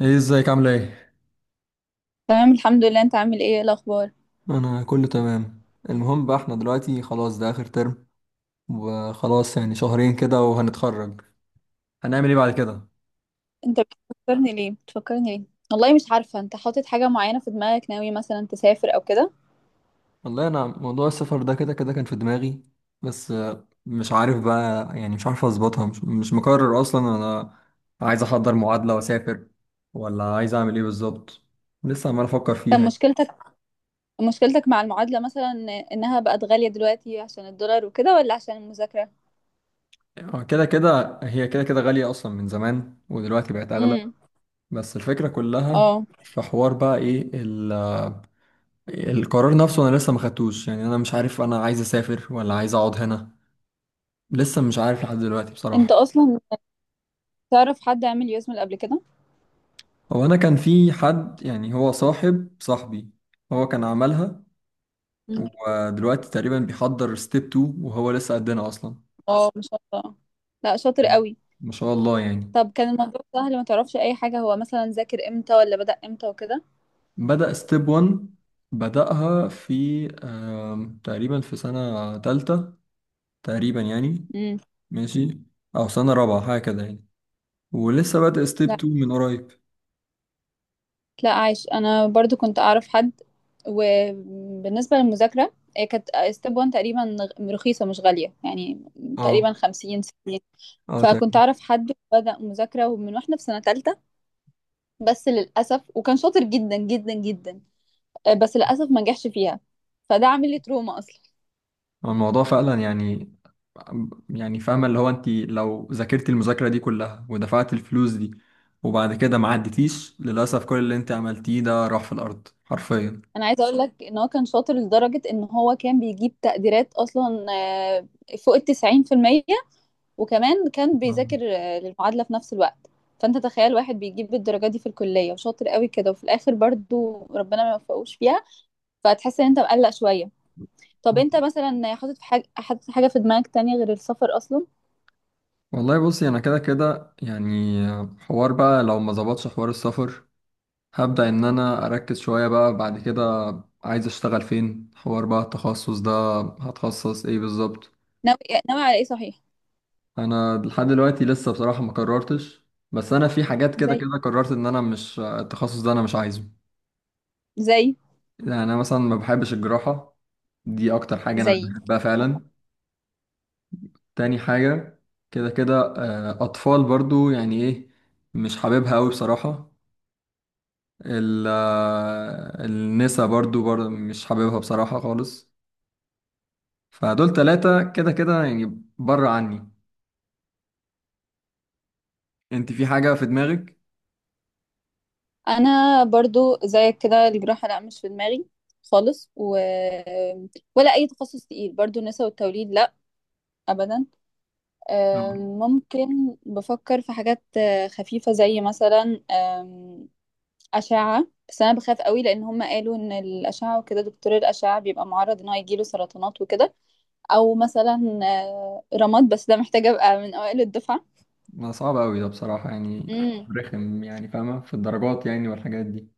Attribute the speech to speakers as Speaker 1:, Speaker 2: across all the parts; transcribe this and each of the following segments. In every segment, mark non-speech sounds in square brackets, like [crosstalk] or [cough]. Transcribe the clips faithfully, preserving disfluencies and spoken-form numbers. Speaker 1: ايه، ازيك؟ عامله ايه؟
Speaker 2: تمام، الحمد لله. انت عامل ايه؟ ايه الاخبار؟
Speaker 1: انا كله تمام. المهم بقى احنا دلوقتي خلاص ده اخر ترم، وخلاص يعني شهرين كده وهنتخرج. هنعمل ايه بعد كده؟
Speaker 2: انت بتفكرني ليه بتفكرني ليه والله مش عارفه، انت حاطط حاجه معينه في دماغك؟ ناوي مثلا تسافر او كده؟
Speaker 1: والله انا موضوع السفر ده كده كده كان في دماغي. بس آه، مش عارف بقى، يعني مش عارف اظبطها، مش, مش مقرر اصلا انا. عايز احضر معادله واسافر، ولا عايز اعمل ايه بالظبط. لسه عمال افكر فيها
Speaker 2: كان
Speaker 1: يعني.
Speaker 2: مشكلتك مشكلتك مع المعادله مثلا، انها بقت غاليه دلوقتي عشان الدولار وكده، ولا عشان المذاكره؟
Speaker 1: آه، كده كده هي كده كده غاليه اصلا من زمان، ودلوقتي بقت اغلى.
Speaker 2: امم.
Speaker 1: بس الفكره كلها
Speaker 2: اه.
Speaker 1: في حوار بقى ايه. القرار نفسه انا لسه ما خدتوش، يعني انا مش عارف انا عايز اسافر ولا عايز اقعد هنا. لسه مش عارف لحد دلوقتي بصراحة.
Speaker 2: انت اصلا تعرف حد عامل يوزمل قبل كده؟
Speaker 1: هو انا كان في حد، يعني هو صاحب صاحبي هو كان عملها.
Speaker 2: مم.
Speaker 1: ودلوقتي تقريبا بيحضر ستيب اتنين، وهو لسه قدنا اصلا.
Speaker 2: اه، ما شاء الله. لا، شاطر
Speaker 1: مم.
Speaker 2: قوي.
Speaker 1: ما شاء الله يعني.
Speaker 2: طب كان الموضوع سهل؟ ما تعرفش اي حاجه، هو مثلا ذاكر امتى ولا بدأ امتى وكده؟
Speaker 1: بدأ ستيب واحد، بدأها في آم، تقريبا في سنة تالتة تقريبا يعني.
Speaker 2: امم.
Speaker 1: ماشي، او سنة رابعة حاجة كده يعني. ولسه بادئ ستيب اتنين من قريب.
Speaker 2: لا، عايش. انا برضو كنت اعرف حد. وبالنسبه للمذاكره، هي كانت ستيب واحد تقريبا غ- رخيصه، مش غاليه يعني.
Speaker 1: اه،
Speaker 2: تقريبا خمسين، ستين.
Speaker 1: اه،
Speaker 2: فكنت اعرف حد بدأ مذاكره من واحنا في سنه ثالثه، بس للاسف. وكان شاطر جدا جدا جدا، آه، بس للاسف ما نجحش فيها. فده عامل لي تروما اصلا.
Speaker 1: الموضوع فعلا يعني. يعني فاهمة اللي هو انت لو ذاكرتي المذاكرة دي كلها، ودفعت الفلوس دي، وبعد كده ما عدتيش للأسف، كل اللي انت عملتيه ده راح في الأرض حرفيا.
Speaker 2: انا عايزه اقول لك ان هو كان شاطر لدرجه ان هو كان بيجيب تقديرات اصلا آه، فوق ال تسعين في المية. وكمان كان بيذاكر آه، للمعادلة في نفس الوقت. فانت تخيل واحد بيجيب الدرجة دي في الكلية وشاطر قوي كده، وفي الاخر برضو ربنا ما يوفقوش فيها. فتحس ان انت مقلق شوية. طب انت مثلا حاطط في حاجة حاطط حاجة في دماغك تانية غير السفر اصلا؟
Speaker 1: والله بصي، انا كده كده يعني حوار بقى لو ما ظبطش حوار السفر، هبدأ ان انا اركز شوية بقى بعد كده. عايز اشتغل فين، حوار بقى التخصص ده، هتخصص ايه بالظبط.
Speaker 2: ناوي ناوي على ايه صحيح؟
Speaker 1: انا لحد دلوقتي لسه بصراحه ما قررتش، بس انا في حاجات كده
Speaker 2: زي
Speaker 1: كده قررت ان انا مش التخصص ده انا مش عايزه.
Speaker 2: زي
Speaker 1: يعني انا مثلا ما بحبش الجراحه، دي اكتر حاجه انا مش
Speaker 2: زي
Speaker 1: بحبها فعلا. تاني حاجه كده كده، آه، اطفال برضو يعني ايه، مش حاببها قوي بصراحه. ال- آه، النسا برضو برضو مش حاببها بصراحه خالص. فدول ثلاثه كده كده يعني بره عني. انت في حاجه في دماغك؟
Speaker 2: انا برضو زيك كده. الجراحة لا، مش في دماغي خالص و... ولا اي تخصص تقيل. برضو النساء والتوليد لا، ابدا. آم، ممكن بفكر في حاجات آه، خفيفة زي مثلا آم، أشعة. بس أنا بخاف قوي لأن هم قالوا إن الأشعة وكده، دكتور الأشعة بيبقى معرض إن هو يجيله سرطانات وكده. أو مثلا آه، رماد، بس ده محتاج أبقى من أوائل الدفعة.
Speaker 1: ما صعب أوي ده بصراحة يعني.
Speaker 2: مم.
Speaker 1: رخم يعني، فاهمة في الدرجات يعني والحاجات دي.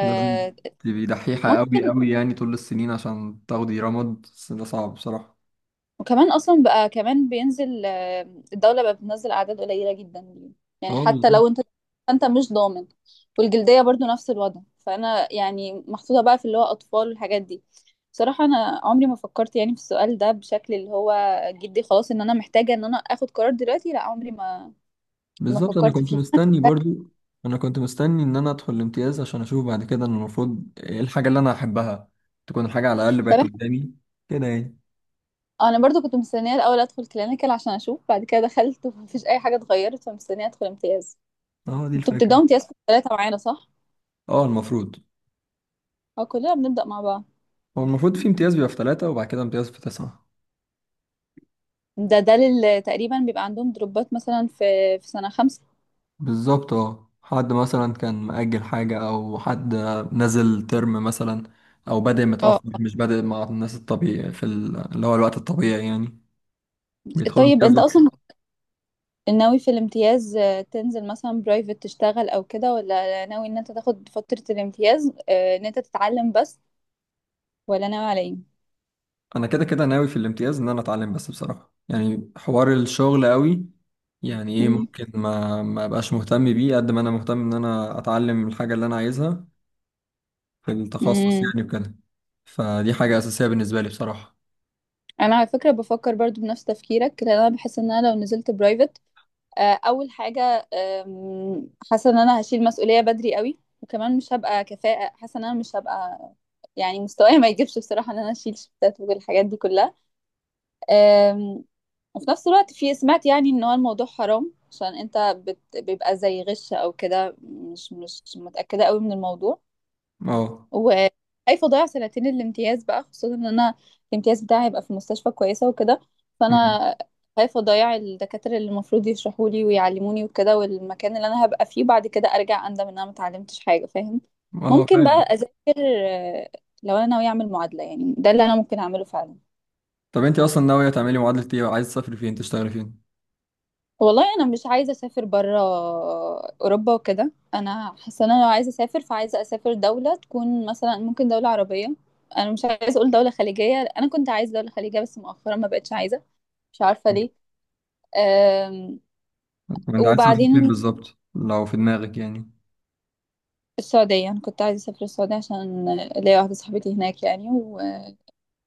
Speaker 1: لازم تبقي دحيحة أوي
Speaker 2: ممكن،
Speaker 1: أوي يعني طول السنين عشان تاخدي رمد، بس ده صعب بصراحة.
Speaker 2: وكمان اصلا بقى كمان بينزل آه، الدوله بقى بتنزل اعداد قليله جدا ليه. يعني
Speaker 1: اه
Speaker 2: حتى
Speaker 1: بالظبط.
Speaker 2: لو انت انت مش ضامن. والجلديه برضو نفس الوضع، فانا يعني محطوطه بقى في اللي هو اطفال والحاجات دي. بصراحه انا عمري ما فكرت يعني في السؤال ده بشكل اللي هو جدي، خلاص ان انا محتاجه ان انا اخد قرار دلوقتي. لا، عمري ما ما
Speaker 1: بالظبط، أنا
Speaker 2: فكرت
Speaker 1: كنت
Speaker 2: فيه
Speaker 1: مستني
Speaker 2: [laughs]
Speaker 1: برضو أنا كنت مستني إن أنا أدخل الامتياز عشان أشوف بعد كده إن المفروض إيه الحاجة اللي أنا أحبها. تكون الحاجة على الأقل
Speaker 2: طب
Speaker 1: بقت
Speaker 2: إحنا-
Speaker 1: قدامي كده يعني.
Speaker 2: انا برضو كنت مستنيه الاول ادخل كلينيكال عشان اشوف بعد كده. دخلت ومفيش اي حاجه اتغيرت، فمستنيه ادخل امتياز.
Speaker 1: اه دي
Speaker 2: انتوا بتبداوا
Speaker 1: الفكرة.
Speaker 2: امتياز في ثلاثه معانا صح؟
Speaker 1: اه المفروض.
Speaker 2: اه، كلنا بنبدا مع بعض.
Speaker 1: هو المفروض في امتياز بيبقى في ثلاثة، وبعد كده امتياز في تسعة.
Speaker 2: ده ده لل- تقريبا بيبقى عندهم دروبات مثلا في في سنة خمسة.
Speaker 1: بالظبط اه، حد مثلا كان مأجل حاجة أو حد نزل ترم مثلا، أو بادئ
Speaker 2: اه.
Speaker 1: متأخر مش بادئ مع الناس الطبيعي في ال- اللي هو الوقت الطبيعي يعني. بيدخلوا
Speaker 2: طيب
Speaker 1: امتياز
Speaker 2: انت
Speaker 1: وقت.
Speaker 2: اصلا ناوي في الامتياز آه، تنزل مثلا برايفت تشتغل او كده، ولا ناوي ان انت تاخد فترة الامتياز آه، ان انت تتعلم بس، ولا ناوي على ايه؟
Speaker 1: أنا كده كده ناوي في الامتياز إن أنا أتعلم بس بصراحة، يعني حوار الشغل قوي يعني إيه،
Speaker 2: امم.
Speaker 1: ممكن ما ما أبقاش مهتم بيه قد ما أنا مهتم إن أنا أتعلم الحاجة اللي أنا عايزها في التخصص
Speaker 2: امم.
Speaker 1: يعني وكده. فدي حاجة أساسية بالنسبة لي بصراحة.
Speaker 2: انا على فكرة بفكر برضو بنفس تفكيرك، لان انا بحس ان انا لو نزلت برايفت، آه، اول حاجه آم، حاسه ان انا هشيل مسؤوليه بدري قوي، وكمان مش هبقى كفاءه، حاسه ان انا مش هبقى يعني، مستواي ما يجيبش بصراحه ان انا اشيل شفتات والحاجات دي كلها. آم، وفي نفس الوقت في، سمعت يعني ان هو الموضوع حرام عشان انت بت... بيبقى زي غش او كده، مش مش متاكده قوي من الموضوع.
Speaker 1: اه.
Speaker 2: وخايفه اضيع سنتين الامتياز بقى، خصوصا ان انا الامتياز بتاعي هيبقى في مستشفى كويسه وكده.
Speaker 1: أمم.
Speaker 2: فانا خايفه اضيع الدكاتره اللي المفروض يشرحوا لي ويعلموني وكده، والمكان اللي انا هبقى فيه، بعد كده ارجع اندم ان انا ما اتعلمتش حاجه، فاهم؟
Speaker 1: اه
Speaker 2: ممكن بقى
Speaker 1: فاهم.
Speaker 2: اذاكر، آه، لو انا ناويه اعمل معادله يعني، ده اللي انا ممكن اعمله فعلا.
Speaker 1: طب انت اصلا ناوية تعملي معادلة ايه؟ عايز تسافري فين، تشتغلي فين؟
Speaker 2: والله انا مش عايزه اسافر بره. اوروبا وكده انا حاسه ان انا لو عايزه اسافر فعايزه اسافر دوله تكون مثلا ممكن دوله عربيه. انا مش عايزه اقول دوله خليجيه، انا كنت عايزه دوله خليجيه بس مؤخرا ما بقتش عايزه. مش عارفه ليه. أم،
Speaker 1: طب انت عايز تسافري فين
Speaker 2: وبعدين،
Speaker 1: بالظبط لو في دماغك يعني؟
Speaker 2: السعوديه، انا كنت عايزه اسافر السعوديه عشان ليا واحده صاحبتي هناك يعني و...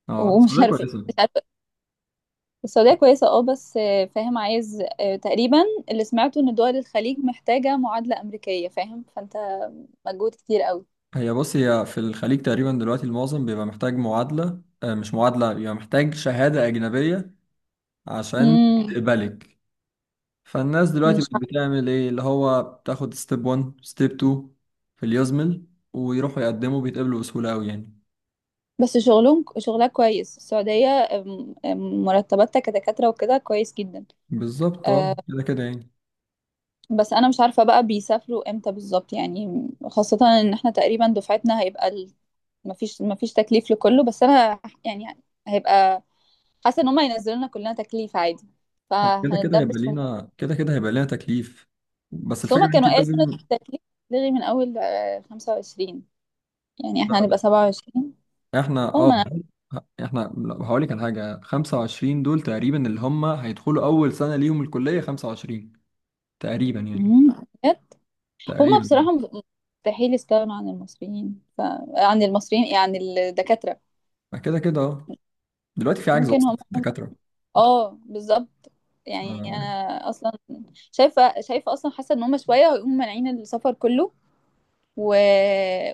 Speaker 1: اه
Speaker 2: ومش
Speaker 1: السعودية
Speaker 2: عارفه
Speaker 1: كويسة.
Speaker 2: مش عارفه السعوديه كويسه اه، بس آه، فاهم، عايز آه، تقريبا، اللي سمعته ان دول الخليج محتاجه معادله امريكيه، فاهم؟ فانت مجهود كتير قوي.
Speaker 1: هي بص، هي في الخليج تقريبا دلوقتي المعظم بيبقى محتاج معادلة، آه، مش معادلة، بيبقى محتاج شهادة أجنبية عشان
Speaker 2: مم.
Speaker 1: تقبلك. فالناس دلوقتي
Speaker 2: مش
Speaker 1: بقت
Speaker 2: عارف.
Speaker 1: بتعمل ايه اللي هو بتاخد ستيب واحد ستيب اتنين في اليوزمل، ويروحوا يقدموا بيتقبلوا بسهولة أوي يعني.
Speaker 2: بس شغلهم شغلها كويس، السعودية أم- أم، مرتباتها كدكاترة وكده كويس جدا.
Speaker 1: بالظبط اه
Speaker 2: أه،
Speaker 1: كده كده يعني.
Speaker 2: بس أنا مش عارفة بقى بيسافروا امتى بالظبط يعني، خاصة إن احنا تقريبا دفعتنا هيبقى ال... مفيش مفيش تكليف لكله، بس أنا يعني هيبقى، حاسة إن هما ينزلوا لنا كلنا تكليف عادي،
Speaker 1: هو كده كده هيبقى
Speaker 2: فهنتدبس في.
Speaker 1: لينا كده كده هيبقى لينا تكليف. بس
Speaker 2: بس
Speaker 1: الفكرة
Speaker 2: هما
Speaker 1: ان انت
Speaker 2: كانوا قالوا إن
Speaker 1: لازم.
Speaker 2: التكليف هيتلغي من أول آه، خمسة وعشرين، يعني احنا هنبقى سبعة وعشرين.
Speaker 1: احنا اه احنا هقول لك على حاجة، خمسة وعشرين دول تقريبا اللي هم هيدخلوا اول سنة ليهم الكلية، خمسة وعشرين تقريبا يعني.
Speaker 2: هما هما بصراحة،
Speaker 1: تقريبا
Speaker 2: مستحيل يستغنوا عن المصريين ف... عن المصريين يعني، الدكاترة.
Speaker 1: اه كده كده اه، دلوقتي في عجز
Speaker 2: ممكن
Speaker 1: اصلا
Speaker 2: هم،
Speaker 1: في الدكاترة.
Speaker 2: اه بالظبط.
Speaker 1: ف-
Speaker 2: يعني انا اصلا شايفة شايفة اصلا، حاسة ان هم شوية هيقوموا مانعين السفر كله و...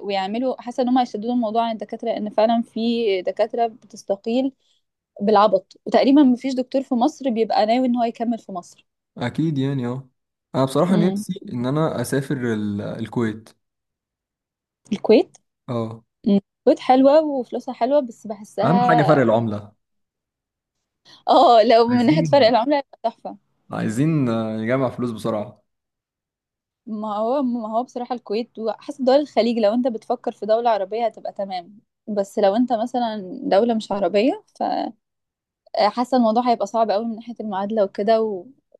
Speaker 2: ويعملوا، حاسة ان هم هيشددوا الموضوع عن الدكاترة لان فعلا في دكاترة بتستقيل بالعبط، وتقريبا مفيش دكتور في مصر بيبقى ناوي ان هو يكمل في مصر.
Speaker 1: اكيد يعني اه. انا بصراحة
Speaker 2: امم،
Speaker 1: نفسي ان انا اسافر ال- الكويت.
Speaker 2: الكويت.
Speaker 1: اه
Speaker 2: مم. الكويت حلوة وفلوسها حلوة، بس
Speaker 1: اهم حاجة فرق
Speaker 2: بحسها
Speaker 1: العملة.
Speaker 2: اه، لو من ناحية فرق
Speaker 1: عايزين
Speaker 2: العملة هيبقى تحفة.
Speaker 1: عايزين آه، نجمع فلوس بسرعة.
Speaker 2: ما هو ما هو بصراحة، الكويت وحسب دول الخليج، لو انت بتفكر في دولة عربية هتبقى تمام. بس لو انت مثلا دولة مش عربية، فحاسة الموضوع هيبقى صعب قوي من ناحية المعادلة وكده. وكان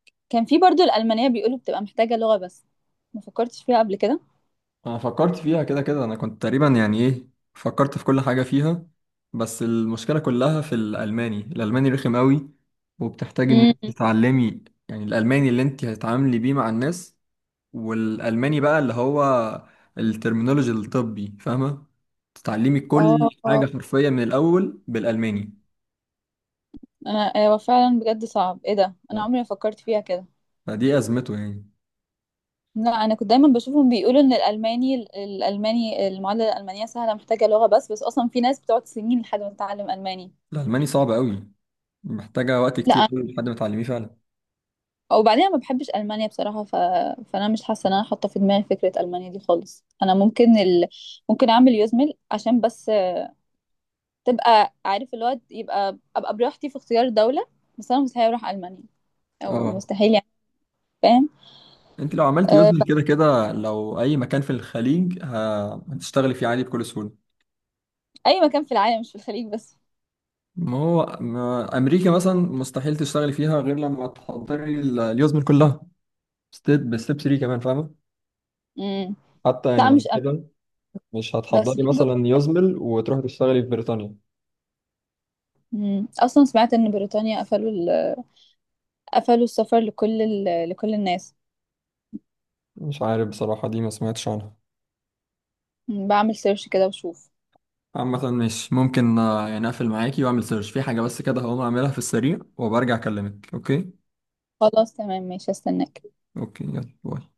Speaker 2: في برضو الألمانية بيقولوا بتبقى محتاجة لغة بس، ما فكرتش فيها قبل كده.
Speaker 1: انا فكرت فيها كده كده، انا كنت تقريبا يعني ايه، فكرت في كل حاجة فيها. بس المشكلة كلها في الالماني، الالماني رخم قوي، وبتحتاج ان مم.
Speaker 2: امم.
Speaker 1: انت تتعلمي. يعني الالماني اللي انت هتتعاملي بيه مع الناس، والالماني بقى اللي هو الترمينولوجي الطبي فاهمة، تتعلمي كل
Speaker 2: اه،
Speaker 1: حاجة حرفيا من الاول بالالماني.
Speaker 2: انا هو فعلا بجد صعب. ايه ده؟ انا
Speaker 1: ف-
Speaker 2: عمري ما فكرت فيها كده.
Speaker 1: فدي ازمته يعني.
Speaker 2: لا، انا كنت دايما بشوفهم بيقولوا ان الالماني الالماني المعادله الالمانيه سهله، محتاجه لغه بس بس اصلا في ناس بتقعد سنين لحد ما تتعلم الماني.
Speaker 1: الالماني صعب قوي، محتاجة وقت كتير
Speaker 2: لا،
Speaker 1: قوي لحد ما تعلميه فعلا.
Speaker 2: وبعدين أنا ما بحبش المانيا بصراحه ف... فانا مش حاسه ان انا حاطه في دماغي فكره المانيا دي خالص. انا ممكن ال... ممكن اعمل يوزمل عشان بس تبقى عارف الواد، يبقى ابقى براحتي في اختيار دوله، بس انا مستحيل اروح المانيا، او
Speaker 1: اه.
Speaker 2: مستحيل يعني، فاهم؟
Speaker 1: انت لو عملت
Speaker 2: أه...
Speaker 1: يوزلي
Speaker 2: بس
Speaker 1: كده كده لو اي مكان في الخليج ه- هتشتغلي فيه عادي بكل سهوله.
Speaker 2: اي مكان في العالم، مش في الخليج بس.
Speaker 1: ما هو، ما امريكا مثلا مستحيل تشتغلي فيها غير لما تحضري ال- اليوزمل كلها، ستيب بستيب تلاتة كمان فاهمه.
Speaker 2: امم.
Speaker 1: حتى يعني
Speaker 2: لا
Speaker 1: بعد
Speaker 2: مش أم...
Speaker 1: كده مش
Speaker 2: بس
Speaker 1: هتحضري
Speaker 2: في دول.
Speaker 1: مثلا يوزمل وتروحي تشتغلي في بريطانيا.
Speaker 2: مم. اصلا سمعت ان بريطانيا قفلوا ال... قفلوا السفر لكل ال... لكل الناس.
Speaker 1: مش عارف بصراحه، دي ما سمعتش عنها.
Speaker 2: مم. بعمل سيرش كده وشوف.
Speaker 1: عامة مش ممكن، آه، يعني اقفل معاكي واعمل سيرش في حاجة بس كده، هقوم اعملها في السريع وبرجع اكلمك اوكي.
Speaker 2: خلاص تمام، ماشي، استناك.
Speaker 1: اوكي يلا باي.